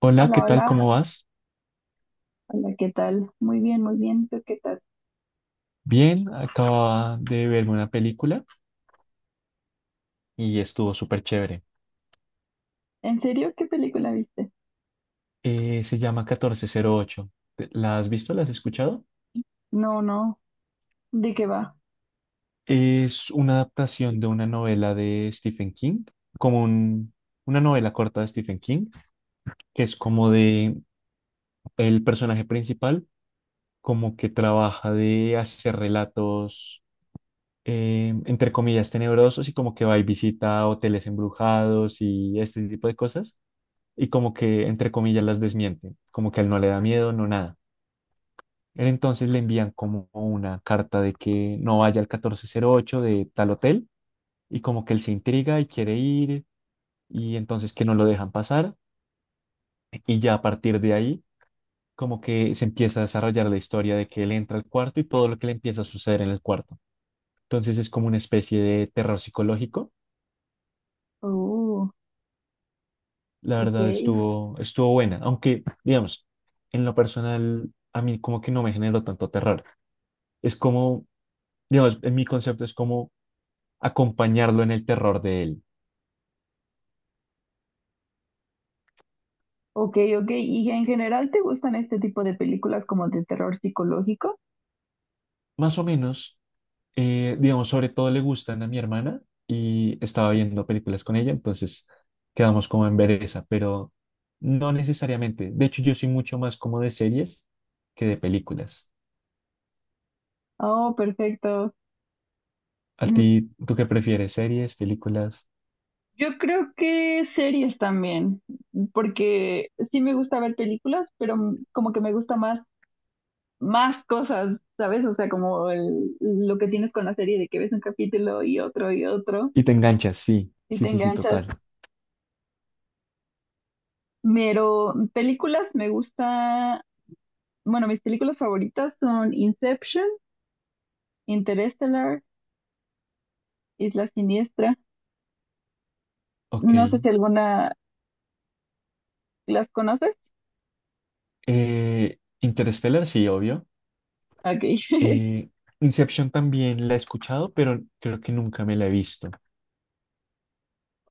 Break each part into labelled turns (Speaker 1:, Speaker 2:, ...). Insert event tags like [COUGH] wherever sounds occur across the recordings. Speaker 1: Hola, ¿qué
Speaker 2: Hola,
Speaker 1: tal? ¿Cómo
Speaker 2: hola.
Speaker 1: vas?
Speaker 2: Hola, ¿qué tal? Muy bien, muy bien. ¿Tú qué tal?
Speaker 1: Bien, acababa de verme una película y estuvo súper chévere.
Speaker 2: ¿En serio? ¿Qué película viste?
Speaker 1: Se llama 1408. ¿La has visto? ¿La has escuchado?
Speaker 2: No, no. ¿De qué va?
Speaker 1: Es una adaptación de una novela de Stephen King, como un- una novela corta de Stephen King, que es como de el personaje principal, como que trabaja de hacer relatos, entre comillas, tenebrosos y como que va y visita hoteles embrujados y este tipo de cosas y como que, entre comillas, las desmiente como que a él no le da miedo, no nada. Él entonces le envían como una carta de que no vaya al catorce cero ocho de tal hotel y como que él se intriga y quiere ir y entonces que no lo dejan pasar y ya a partir de ahí como que se empieza a desarrollar la historia de que él entra al cuarto y todo lo que le empieza a suceder en el cuarto. Entonces es como una especie de terror psicológico.
Speaker 2: Oh,
Speaker 1: La verdad
Speaker 2: ok.
Speaker 1: estuvo buena, aunque digamos, en lo personal a mí como que no me generó tanto terror. Es como digamos, en mi concepto es como acompañarlo en el terror de él.
Speaker 2: Ok, ok. ¿Y en general te gustan este tipo de películas como de terror psicológico?
Speaker 1: Más o menos, digamos, sobre todo le gustan a mi hermana y estaba viendo películas con ella, entonces quedamos como en ver esa, pero no necesariamente. De hecho, yo soy mucho más como de series que de películas.
Speaker 2: Oh, perfecto.
Speaker 1: ¿A ti, tú qué prefieres? ¿Series, películas?
Speaker 2: Yo creo que series también, porque sí me gusta ver películas, pero como que me gusta más, más cosas, ¿sabes? O sea, como lo que tienes con la serie de que ves un capítulo y otro y otro
Speaker 1: Y te enganchas, sí,
Speaker 2: y
Speaker 1: sí,
Speaker 2: te
Speaker 1: sí, sí,
Speaker 2: enganchas.
Speaker 1: total.
Speaker 2: Pero películas me gusta, bueno, mis películas favoritas son Inception, Interstellar, Isla Siniestra.
Speaker 1: Ok.
Speaker 2: No sé si alguna las conoces.
Speaker 1: Interstellar, sí, obvio.
Speaker 2: Ok. [LAUGHS]
Speaker 1: Eh, Inception también la he escuchado, pero creo que nunca me la he visto.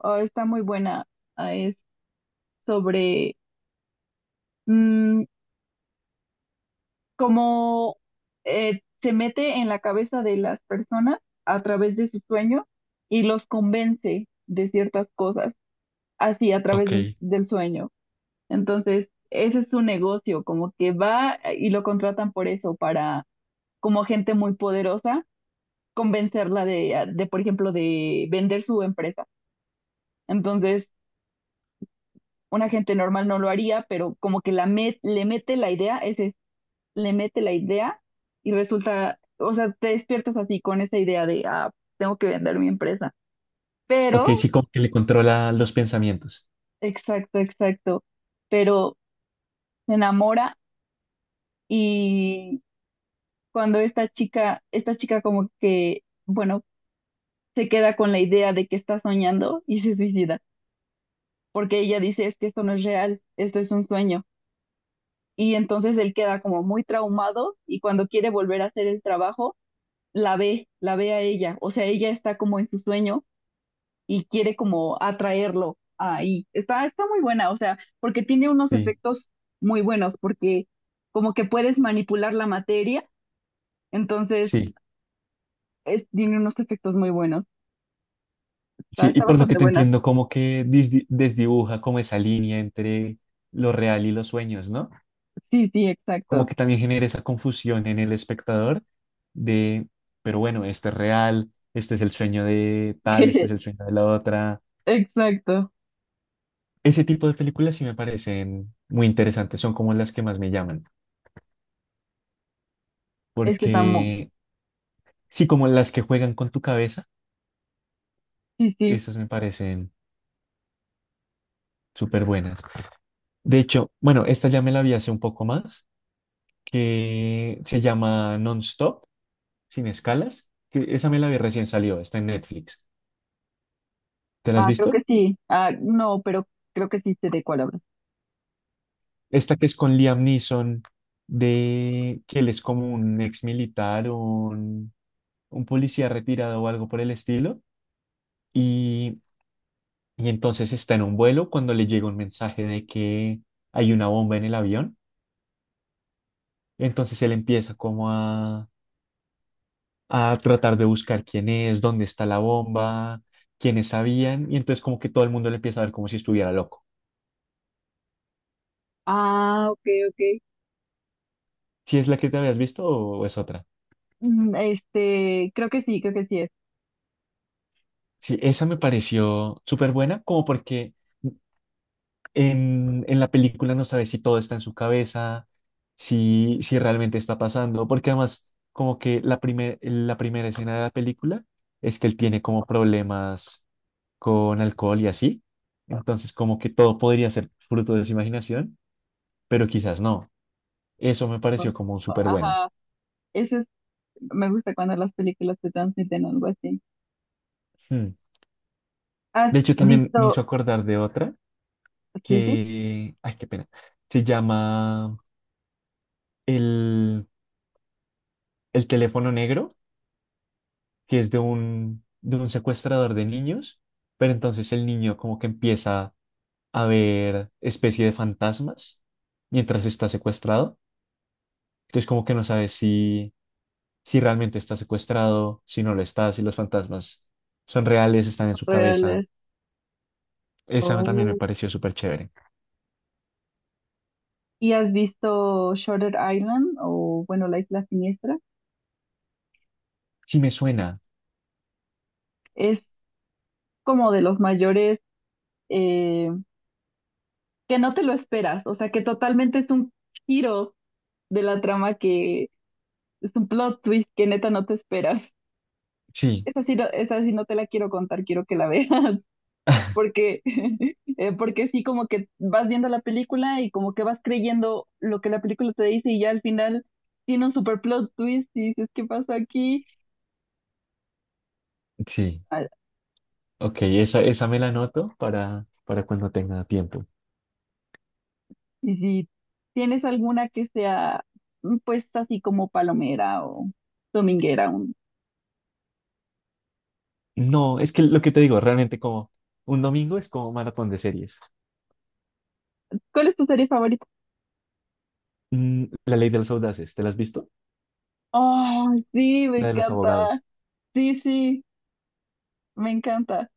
Speaker 2: Oh, está muy buena. Ah, es sobre... mm, como se mete en la cabeza de las personas a través de su sueño y los convence de ciertas cosas, así a través
Speaker 1: Ok,
Speaker 2: del sueño. Entonces, ese es su negocio, como que va y lo contratan por eso, para como gente muy poderosa, convencerla de, por ejemplo, de vender su empresa. Entonces, una gente normal no lo haría, pero como que la le mete la idea, ese le mete la idea y resulta, o sea, te despiertas así con esa idea de, tengo que vender mi empresa. Pero,
Speaker 1: ok, sí, como que le controla los pensamientos.
Speaker 2: exacto, exacto, pero se enamora y cuando esta chica como que, bueno, se queda con la idea de que está soñando y se suicida, porque ella dice, es que esto no es real, esto es un sueño. Y entonces él queda como muy traumado y cuando quiere volver a hacer el trabajo, la ve a ella, o sea, ella está como en su sueño y quiere como atraerlo ahí. Está, muy buena, o sea, porque tiene unos
Speaker 1: Sí,
Speaker 2: efectos muy buenos, porque como que puedes manipular la materia, entonces
Speaker 1: sí,
Speaker 2: tiene unos efectos muy buenos. Está,
Speaker 1: sí. Y por lo que
Speaker 2: bastante
Speaker 1: te
Speaker 2: buena.
Speaker 1: entiendo, como que desdibuja como esa línea entre lo real y los sueños, ¿no?
Speaker 2: Sí, sí,
Speaker 1: Como
Speaker 2: exacto.
Speaker 1: que también genera esa confusión en el espectador de, pero bueno, este es real, este es el sueño de tal, este es el
Speaker 2: [LAUGHS]
Speaker 1: sueño de la otra.
Speaker 2: Exacto.
Speaker 1: Ese tipo de películas sí me parecen muy interesantes, son como las que más me llaman,
Speaker 2: Es que está muy...
Speaker 1: porque sí, como las que juegan con tu cabeza,
Speaker 2: Sí, sí.
Speaker 1: esas me parecen súper buenas. De hecho, bueno, esta ya me la vi hace un poco más, que se llama Non-Stop, sin escalas, que esa me la vi recién salió, está en Netflix. ¿Te la has
Speaker 2: Ah, creo
Speaker 1: visto?
Speaker 2: que sí. Ah, no, pero creo que sí sé de cuál hablas.
Speaker 1: Esta que es con Liam Neeson, de que él es como un ex militar un policía retirado o algo por el estilo, y, y entonces está en un vuelo cuando le llega un mensaje de que hay una bomba en el avión, entonces él empieza como a tratar de buscar quién es, dónde está la bomba, quiénes sabían, y entonces como que todo el mundo le empieza a ver como si estuviera loco.
Speaker 2: Ah, ok, ok.
Speaker 1: ¿Si es la que te habías visto o es otra?
Speaker 2: Este, creo que sí es.
Speaker 1: Sí, esa me pareció súper buena, como porque en la película no sabes si todo está en su cabeza, si realmente está pasando, porque además como que la primera escena de la película es que él tiene como problemas con alcohol y así, entonces como que todo podría ser fruto de su imaginación, pero quizás no. Eso me pareció como súper buena.
Speaker 2: Ajá. Eso me gusta cuando las películas te transmiten algo así.
Speaker 1: Hmm.
Speaker 2: ¿Has
Speaker 1: De hecho, también me
Speaker 2: visto?
Speaker 1: hizo acordar de otra
Speaker 2: Sí, sí,
Speaker 1: que, ay, qué pena, se llama el, el teléfono negro, que es de de un secuestrador de niños, pero entonces el niño como que empieza a ver especie de fantasmas mientras está secuestrado. Entonces como que no sabe si, si realmente está secuestrado, si no lo está, si los fantasmas son reales, están en su cabeza.
Speaker 2: ¿reales?
Speaker 1: Esa también me
Speaker 2: Oh.
Speaker 1: pareció súper chévere.
Speaker 2: ¿Y has visto Shutter Island o, bueno, La Isla Siniestra?
Speaker 1: Sí me suena.
Speaker 2: Es como de los mayores eh, que no te lo esperas, o sea, que totalmente es un giro de la trama que es un plot twist que neta no te esperas.
Speaker 1: Sí,
Speaker 2: Esa sí, esa sí no te la quiero contar, quiero que la [LAUGHS] veas. Porque, [LAUGHS] porque sí, como que vas viendo la película y como que vas creyendo lo que la película te dice y ya al final tiene un super plot twist y dices, ¿qué pasó aquí?
Speaker 1: sí.
Speaker 2: Ah,
Speaker 1: Ok, esa me la anoto para cuando tenga tiempo.
Speaker 2: y si tienes alguna que sea, pues así como palomera o dominguera,
Speaker 1: No, es que lo que te digo, realmente como un domingo es como maratón de series.
Speaker 2: ¿cuál es tu serie favorita?
Speaker 1: Mm, La Ley de los Audaces, ¿te la has visto?
Speaker 2: Oh, sí, me
Speaker 1: La de los
Speaker 2: encanta.
Speaker 1: abogados.
Speaker 2: Sí, sí, me encanta.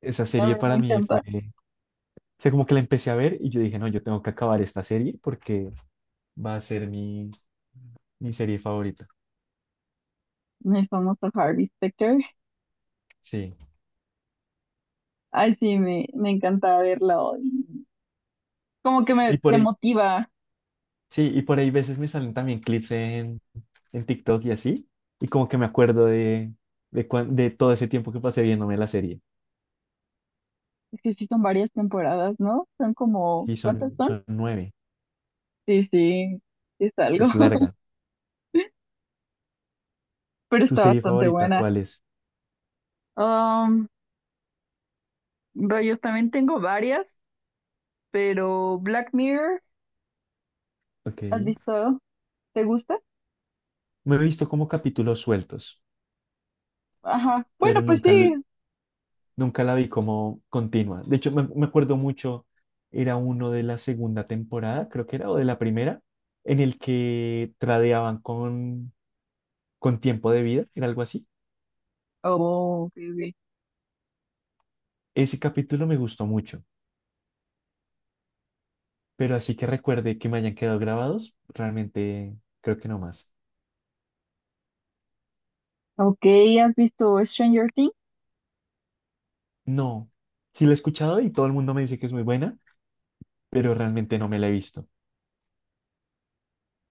Speaker 1: Esa
Speaker 2: A
Speaker 1: serie
Speaker 2: mí
Speaker 1: para
Speaker 2: me
Speaker 1: mí fue,
Speaker 2: encanta.
Speaker 1: o sea, como que la empecé a ver y yo dije, no, yo tengo que acabar esta serie porque va a ser mi serie favorita.
Speaker 2: El famoso Harvey Specter.
Speaker 1: Sí.
Speaker 2: Ay, sí, me encanta verlo. Y como que
Speaker 1: Y por
Speaker 2: te
Speaker 1: ahí,
Speaker 2: motiva.
Speaker 1: sí, y por ahí veces me salen también clips en TikTok y así, y como que me acuerdo de, de todo ese tiempo que pasé viéndome la serie.
Speaker 2: Es que sí son varias temporadas, ¿no? Son como,
Speaker 1: Sí,
Speaker 2: ¿cuántas son?
Speaker 1: son 9,
Speaker 2: Sí, sí, sí es algo,
Speaker 1: es larga.
Speaker 2: [LAUGHS] pero
Speaker 1: ¿Tu
Speaker 2: está
Speaker 1: serie
Speaker 2: bastante
Speaker 1: favorita
Speaker 2: buena.
Speaker 1: cuál es?
Speaker 2: Um, rayos, también tengo varias, pero Black Mirror,
Speaker 1: Ok.
Speaker 2: ¿has visto? ¿Te gusta?
Speaker 1: Me he visto como capítulos sueltos,
Speaker 2: Ajá, bueno,
Speaker 1: pero
Speaker 2: pues sí.
Speaker 1: nunca la vi como continua. De hecho, me acuerdo mucho, era uno de la segunda temporada, creo que era, o de la primera, en el que tradeaban con tiempo de vida, era algo así.
Speaker 2: Oh, ok, ok.
Speaker 1: Ese capítulo me gustó mucho. Pero así que recuerde que me hayan quedado grabados, realmente creo que no más.
Speaker 2: Ok, ¿has visto Stranger Things?
Speaker 1: No, sí la he escuchado y todo el mundo me dice que es muy buena, pero realmente no me la he visto.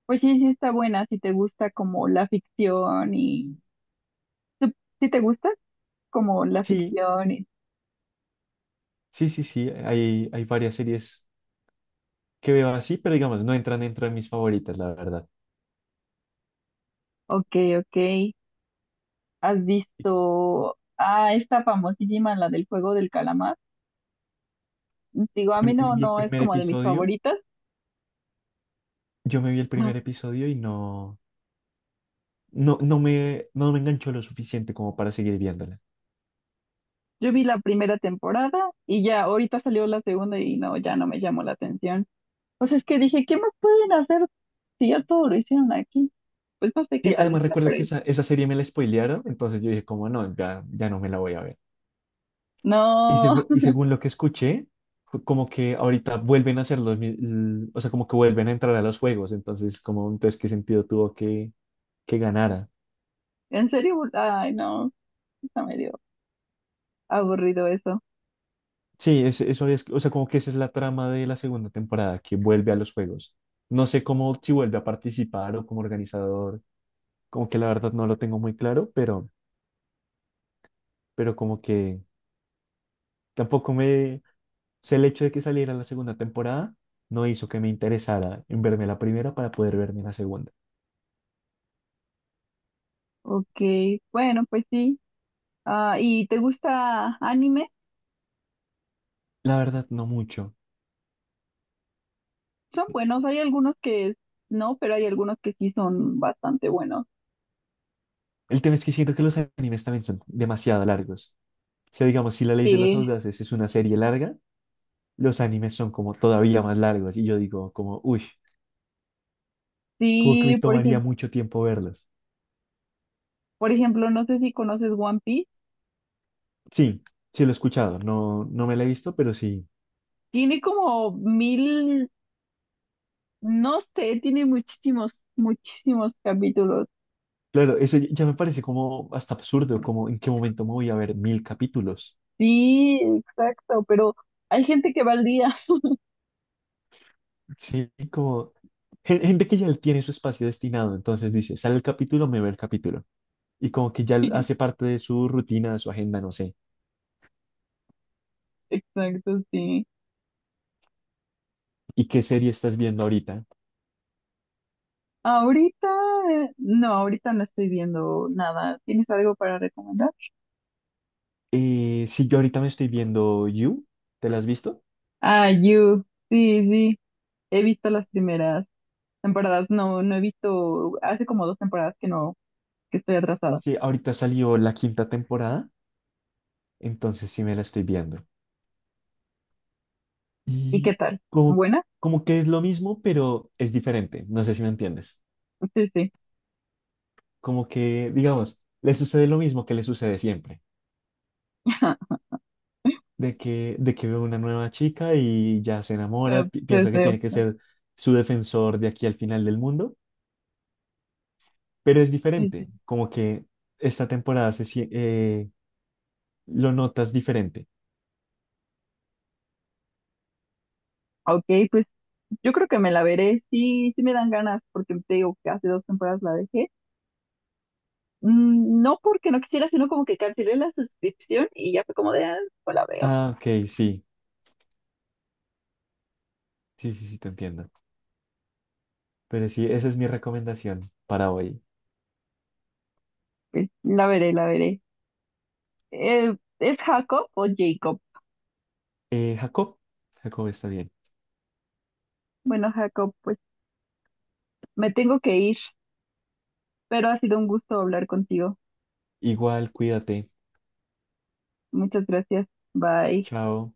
Speaker 2: Pues sí, sí está buena, si te gusta como la ficción y... ¿Tú- ¿Sí te gusta? Como la
Speaker 1: Sí,
Speaker 2: ficción y...
Speaker 1: sí, sí, sí, hay varias series que veo así, pero digamos, no entran dentro de mis favoritas, la verdad.
Speaker 2: Ok, ok. ¿Has visto a esta famosísima, la del juego del calamar? Digo, a mí
Speaker 1: Me
Speaker 2: no,
Speaker 1: vi el
Speaker 2: no es
Speaker 1: primer
Speaker 2: como de mis
Speaker 1: episodio,
Speaker 2: favoritas.
Speaker 1: yo me vi el
Speaker 2: Ah,
Speaker 1: primer episodio y no, no, no me enganchó lo suficiente como para seguir viéndola.
Speaker 2: yo vi la primera temporada y ya, ahorita salió la segunda y no, ya no me llamó la atención. Pues es que dije, ¿qué más pueden hacer si ya todo lo hicieron aquí? Pues no sé qué
Speaker 1: Y
Speaker 2: tal
Speaker 1: además
Speaker 2: está,
Speaker 1: recuerdo
Speaker 2: pero
Speaker 1: que esa serie me la spoilearon, entonces yo dije como no, ya, ya no me la voy a ver. Y,
Speaker 2: no, [LAUGHS]
Speaker 1: y según lo que escuché, fue como que ahorita vuelven a hacer o sea, como que vuelven a entrar a los juegos, entonces, como, entonces, ¿qué sentido tuvo que ganara?
Speaker 2: en serio, ay, no, está medio aburrido eso.
Speaker 1: Sí, eso es, o sea, como que esa es la trama de la segunda temporada, que vuelve a los juegos. No sé cómo, si vuelve a participar o como organizador, como que la verdad no lo tengo muy claro, pero como que tampoco me, o sea, el hecho de que saliera la segunda temporada no hizo que me interesara en verme la primera para poder verme la segunda.
Speaker 2: Ok, bueno, pues sí. Ah, ¿y te gusta anime?
Speaker 1: La verdad, no mucho.
Speaker 2: Son buenos, hay algunos que no, pero hay algunos que sí son bastante buenos.
Speaker 1: El tema es que siento que los animes también son demasiado largos. O sea, digamos, si La Ley de los
Speaker 2: Sí,
Speaker 1: Audaces es una serie larga, los animes son como todavía más largos. Y yo digo, como, uy, como que
Speaker 2: sí,
Speaker 1: me
Speaker 2: por
Speaker 1: tomaría
Speaker 2: ejemplo,
Speaker 1: mucho tiempo verlos.
Speaker 2: no sé si conoces One Piece.
Speaker 1: Sí, sí lo he escuchado, no, no me la he visto, pero sí.
Speaker 2: Tiene como mil, no sé, tiene muchísimos, muchísimos capítulos.
Speaker 1: Claro, eso ya me parece como hasta absurdo, como en qué momento me voy a ver 1000 capítulos.
Speaker 2: Sí, exacto, pero hay gente que va al día.
Speaker 1: Sí, como gente que ya tiene su espacio destinado, entonces dice, sale el capítulo, me ve el capítulo. Y como que ya
Speaker 2: [LAUGHS]
Speaker 1: hace parte de su rutina, de su agenda, no sé.
Speaker 2: Exacto, sí.
Speaker 1: ¿Y qué serie estás viendo ahorita?
Speaker 2: Ahorita, no, ahorita no estoy viendo nada. ¿Tienes algo para recomendar?
Speaker 1: Sí, yo ahorita me estoy viendo You, ¿te la has visto?
Speaker 2: Ah, You, sí, sí, he visto las primeras temporadas. No, no he visto, hace como dos temporadas que no, que estoy atrasada.
Speaker 1: Sí, ahorita salió la quinta temporada, entonces sí me la estoy viendo.
Speaker 2: ¿Y qué
Speaker 1: Y
Speaker 2: tal?
Speaker 1: como,
Speaker 2: ¿Buena?
Speaker 1: como que es lo mismo, pero es diferente, no sé si me entiendes.
Speaker 2: Sí, sí.
Speaker 1: Como que, digamos, le sucede lo mismo que le sucede siempre,
Speaker 2: [LAUGHS]
Speaker 1: de que ve una nueva chica y ya se
Speaker 2: Eh,
Speaker 1: enamora,
Speaker 2: Sí,
Speaker 1: piensa que tiene que
Speaker 2: sí.
Speaker 1: ser su defensor de aquí al final del mundo, pero es
Speaker 2: Sí, sí.
Speaker 1: diferente, como que esta temporada lo notas diferente.
Speaker 2: Ok, pues yo creo que me la veré. Sí, sí me dan ganas, porque te digo que hace dos temporadas la dejé. No porque no quisiera, sino como que cancelé la suscripción y ya fue como de, pues la veo.
Speaker 1: Ah, ok, sí, sí, sí, sí, te entiendo. Pero sí, esa es mi recomendación para hoy.
Speaker 2: Pues la veré, la veré. ¿Es Jacob o Jacob?
Speaker 1: Jacob, Jacob está bien.
Speaker 2: Bueno, Jacob, pues me tengo que ir, pero ha sido un gusto hablar contigo.
Speaker 1: Igual, cuídate.
Speaker 2: Muchas gracias. Bye.
Speaker 1: Chao.